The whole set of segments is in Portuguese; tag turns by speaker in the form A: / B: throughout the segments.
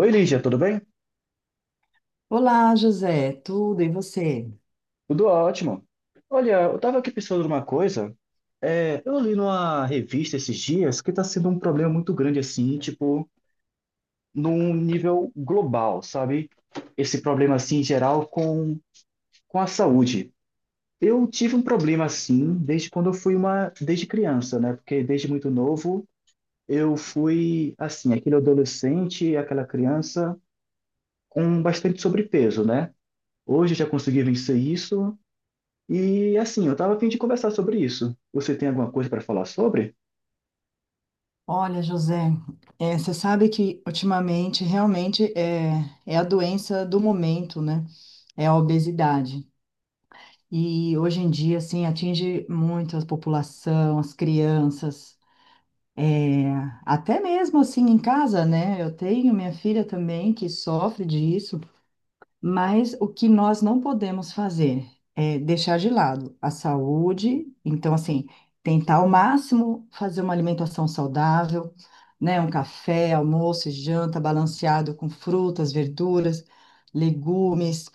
A: Oi, Lígia, tudo bem?
B: Olá, José, tudo e você?
A: Tudo ótimo. Olha, eu estava aqui pensando numa coisa. É, eu li numa revista esses dias que está sendo um problema muito grande, assim, tipo, num nível global, sabe? Esse problema, assim, em geral, com a saúde. Eu tive um problema, assim, desde quando eu fui uma... Desde criança, né? Porque desde muito novo, eu fui, assim, aquele adolescente, aquela criança com bastante sobrepeso, né? Hoje eu já consegui vencer isso. E assim, eu estava a fim de conversar sobre isso. Você tem alguma coisa para falar sobre?
B: Olha, José, você sabe que ultimamente realmente é a doença do momento, né? É a obesidade. E hoje em dia, assim, atinge muito a população, as crianças, é, até mesmo assim em casa, né? Eu tenho minha filha também que sofre disso. Mas o que nós não podemos fazer é deixar de lado a saúde, então, assim, tentar ao máximo fazer uma alimentação saudável, né? Um café, almoço, e janta balanceado com frutas, verduras, legumes,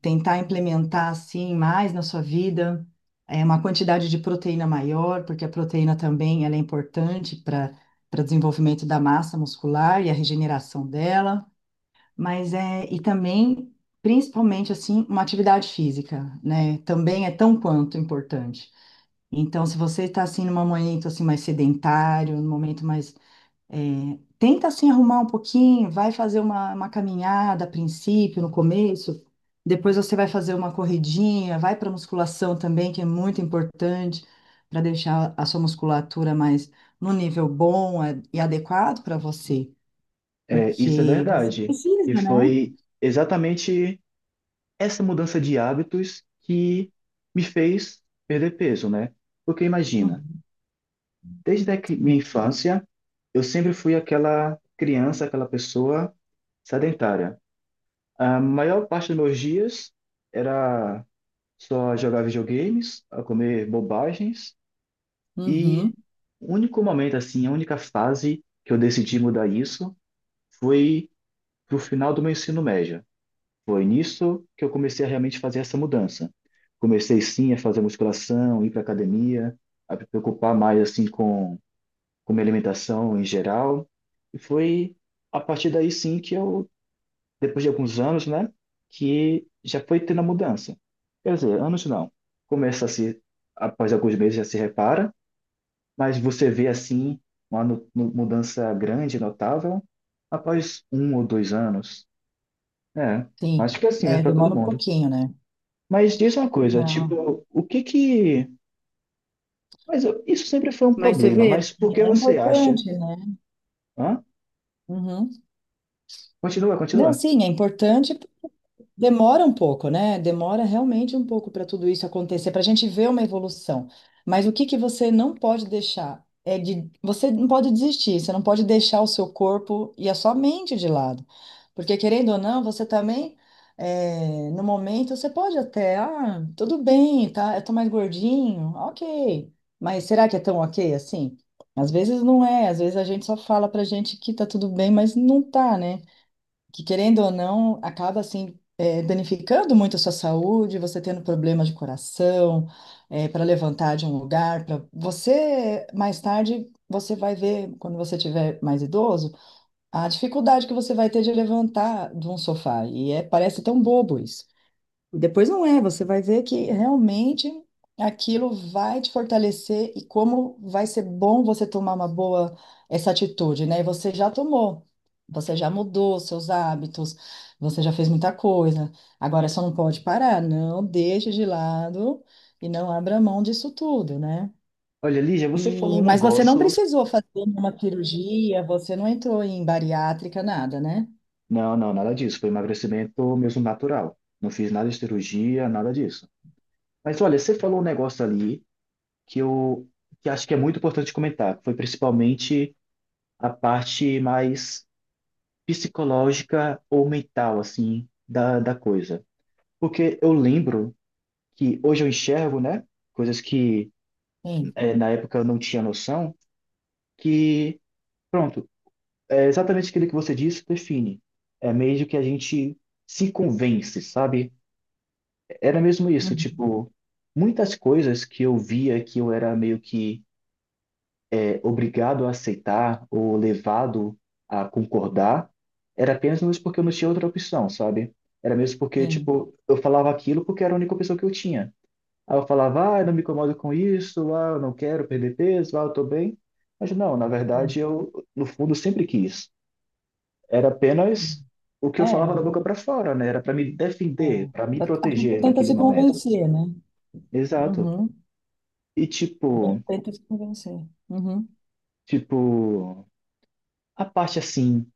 B: tentar implementar, assim, mais na sua vida, uma quantidade de proteína maior, porque a proteína também ela é importante para desenvolvimento da massa muscular e a regeneração dela. Mas é, e também, principalmente assim, uma atividade física, né? Também é tão quanto importante. Então, se você está assim num momento assim mais sedentário, num momento mais tenta assim arrumar um pouquinho, vai fazer uma caminhada a princípio, no começo, depois você vai fazer uma corridinha, vai para musculação também, que é muito importante para deixar a sua musculatura mais no nível bom e adequado para você,
A: É, isso é
B: porque você
A: verdade. E
B: precisa, né?
A: foi exatamente essa mudança de hábitos que me fez perder peso, né? Porque imagina, desde minha infância, eu sempre fui aquela criança, aquela pessoa sedentária. A maior parte dos meus dias era só jogar videogames, a comer bobagens.
B: Uhum,
A: E o único momento, assim, a única fase que eu decidi mudar isso foi pro final do meu ensino médio. Foi nisso que eu comecei a realmente fazer essa mudança. Comecei, sim, a fazer musculação, ir para academia, a me preocupar mais, assim, com minha alimentação em geral. E foi a partir daí, sim, que eu, depois de alguns anos, né, que já foi tendo a mudança. Quer dizer, anos não. Começa a se, após alguns meses já se repara, mas você vê assim uma mudança grande, notável, após um ou dois anos. É,
B: sim.
A: acho que é assim mesmo
B: É,
A: para todo
B: demora um
A: mundo.
B: pouquinho, né?
A: Mas diz uma coisa,
B: Não.
A: tipo, o que que. Mas isso sempre foi um
B: Mas você
A: problema,
B: vê,
A: mas por
B: assim,
A: que
B: é
A: você acha?
B: importante, né?
A: Hã?
B: Uhum.
A: Continua,
B: Não,
A: continua.
B: sim, é importante. Demora um pouco, né? Demora realmente um pouco para tudo isso acontecer, para a gente ver uma evolução. Mas o que que você não pode deixar é de você não pode desistir, você não pode deixar o seu corpo e a sua mente de lado. Porque querendo ou não, você também no momento você pode até, ah, tudo bem, tá? Eu tô mais gordinho, ok. Mas será que é tão ok assim? Às vezes não é, às vezes a gente só fala pra gente que tá tudo bem, mas não tá, né? Que querendo ou não, acaba assim, danificando muito a sua saúde, você tendo problemas de coração, para levantar de um lugar, para você mais tarde você vai ver, quando você tiver mais idoso, a dificuldade que você vai ter de levantar de um sofá. E é, parece tão bobo isso. Depois não é, você vai ver que realmente aquilo vai te fortalecer e como vai ser bom você tomar uma boa essa atitude, né? E você já tomou, você já mudou seus hábitos, você já fez muita coisa. Agora só não pode parar, não deixe de lado e não abra mão disso tudo, né?
A: Olha, Lígia, você falou
B: E,
A: um
B: mas você não
A: negócio.
B: precisou fazer uma cirurgia, você não entrou em bariátrica, nada, né?
A: Não, não, nada disso. Foi emagrecimento mesmo natural. Não fiz nada de cirurgia, nada disso. Mas olha, você falou um negócio ali que eu que acho que é muito importante comentar, que foi principalmente a parte mais psicológica ou mental, assim, da coisa. Porque eu lembro que hoje eu enxergo, né, coisas que
B: Sim.
A: é, na época eu não tinha noção, que, pronto, é exatamente aquilo que você disse, define. É meio que a gente se convence, sabe? Era mesmo isso,
B: Uhum.
A: tipo, muitas coisas que eu via que eu era meio que obrigado a aceitar ou levado a concordar, era apenas mesmo porque eu não tinha outra opção, sabe? Era mesmo porque,
B: Sim.
A: tipo, eu falava aquilo porque era a única opção que eu tinha. Aí eu falava, ah, eu não me incomodo com isso, ah, eu não quero perder peso, ah, eu tô bem. Mas não, na
B: Sim.
A: verdade, eu, no fundo, sempre quis. Era
B: Sim.
A: apenas o que eu falava
B: É.
A: da boca para fora, né? Era para me
B: É.
A: defender, para me
B: A gente
A: proteger
B: tenta
A: naquele
B: se
A: momento.
B: convencer, né?
A: Exato.
B: Uhum.
A: E,
B: A gente
A: tipo,
B: tenta se convencer. Uhum.
A: tipo, a parte assim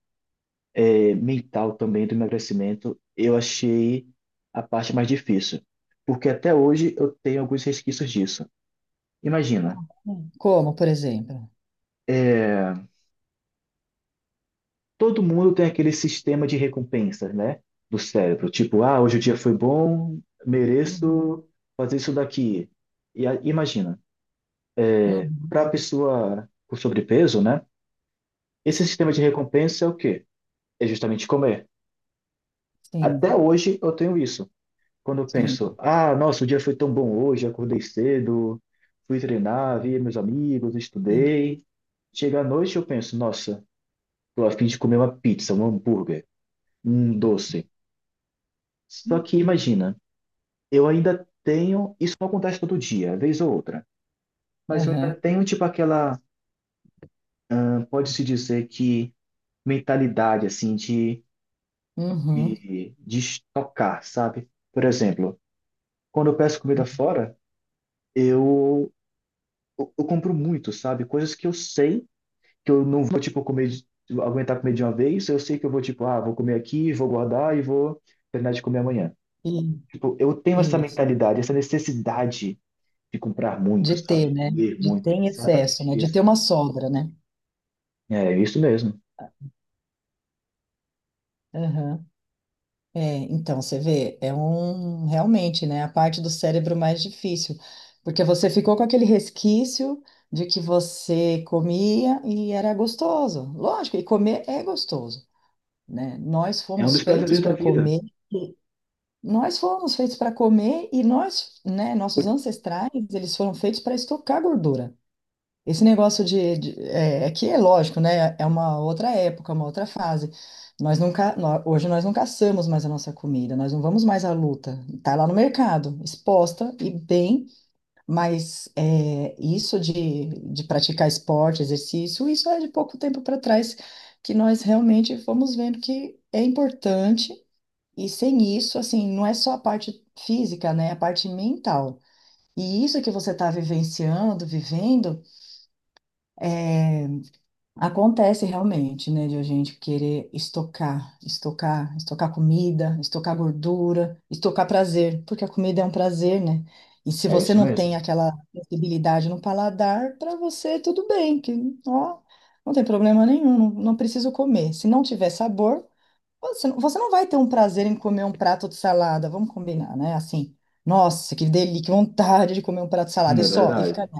A: mental também do emagrecimento, eu achei a parte mais difícil, porque até hoje eu tenho alguns resquícios disso. Imagina,
B: Como, por exemplo?
A: é, todo mundo tem aquele sistema de recompensas, né, do cérebro, tipo, ah, hoje o dia foi bom,
B: Uhum,
A: mereço fazer isso daqui. E imagina,
B: uhum.
A: para a pessoa com sobrepeso, né, esse sistema de recompensa é o quê? É justamente comer. Até
B: Sim,
A: hoje eu tenho isso. Quando eu
B: sim.
A: penso, ah, nossa, o dia foi tão bom hoje, acordei cedo, fui treinar, vi meus amigos,
B: e-
A: estudei. Chega à noite eu penso, nossa, tô a fim de comer uma pizza, um hambúrguer, um doce. Só que imagina, eu ainda tenho, isso não acontece todo dia, vez ou outra, mas eu ainda
B: Aham.
A: tenho tipo aquela, pode-se dizer que mentalidade assim
B: Uhum.
A: de estocar, sabe? Por exemplo, quando eu peço comida fora, eu, eu compro muito, sabe? Coisas que eu sei que eu não vou, tipo, comer, tipo, aguentar comer de uma vez, eu sei que eu vou, tipo, ah, vou comer aqui, vou guardar e vou terminar de comer amanhã.
B: e-
A: Tipo, eu tenho essa
B: Isso.
A: mentalidade, essa necessidade de comprar
B: De
A: muito, sabe?
B: ter,
A: De
B: né?
A: comer
B: De
A: muito.
B: ter em excesso, né?
A: Exatamente
B: De ter
A: isso.
B: uma sobra, né?
A: É isso mesmo.
B: Aham. É, então, você vê, é um realmente, né, a parte do cérebro mais difícil, porque você ficou com aquele resquício de que você comia e era gostoso. Lógico, e comer é gostoso, né? Nós
A: É um
B: fomos
A: dos
B: feitos
A: prazeres da
B: para
A: vida.
B: comer, e- nós fomos feitos para comer e nós, né, nossos ancestrais, eles foram feitos para estocar gordura. Esse negócio de, é, é que é lógico, né? É uma outra época, uma outra fase. Nós nunca, nó- hoje nós não caçamos mais a nossa comida, nós não vamos mais à luta. Está lá no mercado, exposta e bem, mas é, isso de praticar esporte, exercício, isso é de pouco tempo para trás que nós realmente fomos vendo que é importante e sem isso, assim, não é só a parte física, né? É a parte mental. E isso que você está vivenciando, vivendo é, acontece realmente, né, de a gente querer estocar, estocar, estocar comida, estocar gordura, estocar prazer, porque a comida é um prazer, né? E se
A: É
B: você
A: isso
B: não tem
A: mesmo.
B: aquela sensibilidade no paladar, para você tudo bem, que ó, não tem problema nenhum, não, não preciso comer. Se não tiver sabor, você não vai ter um prazer em comer um prato de salada, vamos combinar, né? Assim, nossa, que delícia, que vontade de comer um prato de
A: Hum.
B: salada e
A: É
B: só, e ficar
A: verdade.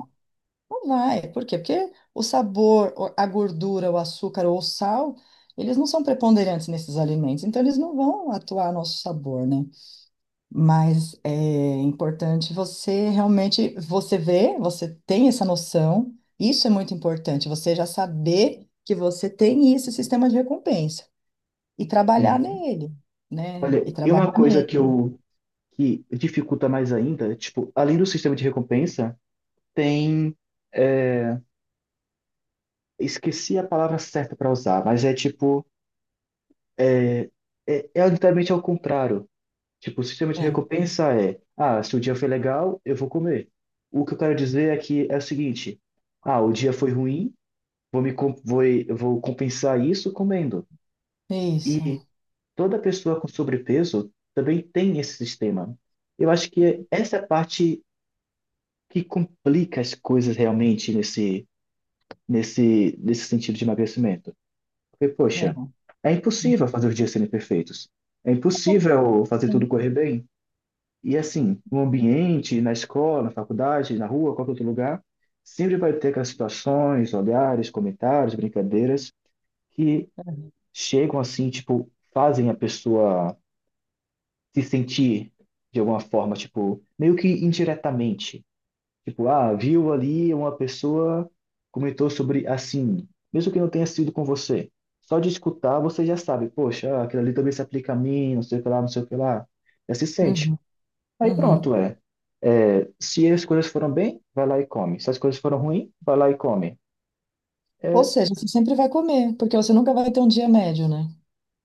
B: não vai. Por quê? Porque o sabor, a gordura, o açúcar ou o sal, eles não são preponderantes nesses alimentos, então eles não vão atuar no nosso sabor, né? Mas é importante você realmente, você vê, você tem essa noção, isso é muito importante, você já saber que você tem isso, esse sistema de recompensa e trabalhar
A: Uhum.
B: nele, né? E
A: Olha, e uma
B: trabalhar
A: coisa
B: nele.
A: que dificulta mais ainda, tipo, além do sistema de recompensa, tem, é, esqueci a palavra certa para usar, mas é tipo. É, é literalmente ao contrário. Tipo, o sistema de
B: É,
A: recompensa é, ah, se o dia foi legal, eu vou comer. O que eu quero dizer é que é o seguinte, ah, o dia foi ruim, vou me com- vou, vou compensar isso comendo.
B: isso.
A: E toda pessoa com sobrepeso também tem esse sistema. Eu acho que essa é a parte que complica as coisas realmente nesse sentido de emagrecimento. Porque,
B: É. É.
A: poxa, é impossível fazer os dias serem perfeitos. É impossível fazer tudo
B: Sim.
A: correr bem. E assim, no ambiente, na escola, na faculdade, na rua, qualquer outro lugar, sempre vai ter aquelas situações, olhares, comentários, brincadeiras que
B: É.
A: chegam assim, tipo, fazem a pessoa se sentir de alguma forma, tipo, meio que indiretamente. Tipo, ah, viu ali uma pessoa comentou sobre assim, mesmo que não tenha sido com você. Só de escutar você já sabe, poxa, aquilo ali também se aplica a mim, não sei o que lá, não sei o que lá. Já se sente.
B: Uhum,
A: Aí
B: uhum.
A: pronto, é. É, se as coisas foram bem, vai lá e come. Se as coisas foram ruim, vai lá e come.
B: Ou
A: É,
B: seja, você sempre vai comer, porque você nunca vai ter um dia médio, né?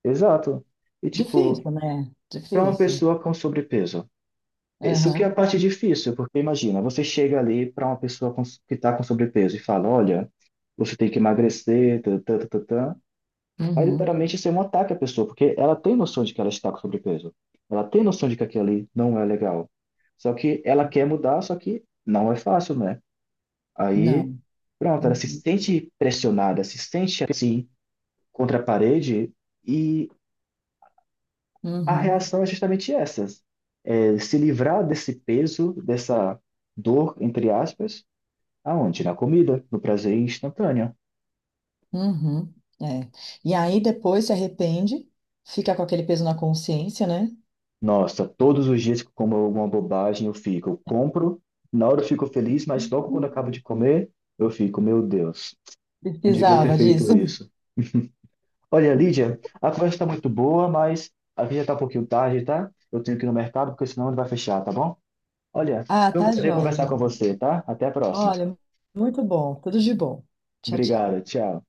A: exato. E tipo,
B: Difícil, né?
A: para uma
B: Difícil.
A: pessoa com sobrepeso, isso que é
B: Aham,
A: a parte difícil, porque imagina, você chega ali para uma pessoa que está com sobrepeso e fala, olha, você tem que emagrecer, tã, tã, tã, tã, tã. Aí
B: uhum.
A: literalmente isso é um ataque à pessoa, porque ela tem noção de que ela está com sobrepeso. Ela tem noção de que aquilo ali não é legal. Só que ela quer mudar, só que não é fácil, né? Aí,
B: Não.
A: pronto, ela se
B: Uhum.
A: sente pressionada, se sente assim, contra a parede, e a
B: Uhum.
A: reação é justamente essa: é se livrar desse peso, dessa dor, entre aspas, aonde? Na comida, no prazer instantâneo.
B: Uhum. É. E aí depois se arrepende, fica com aquele peso na consciência, né?
A: Nossa, todos os dias que eu como alguma bobagem, eu fico, eu compro, na hora eu fico feliz, mas logo quando eu acabo de comer, eu fico, meu Deus, não devia ter
B: Precisava
A: feito
B: disso.
A: isso. Olha, Lídia, a conversa está muito boa, mas a gente já está um pouquinho tarde, tá? Eu tenho que ir no mercado, porque senão ele vai fechar, tá bom? Olha,
B: Ah,
A: eu
B: tá
A: prazer
B: joia,
A: conversar com
B: Gisele.
A: você, tá? Até a próxima.
B: Olha, muito bom. Tudo de bom. Tchau, tchau.
A: Obrigado, tchau.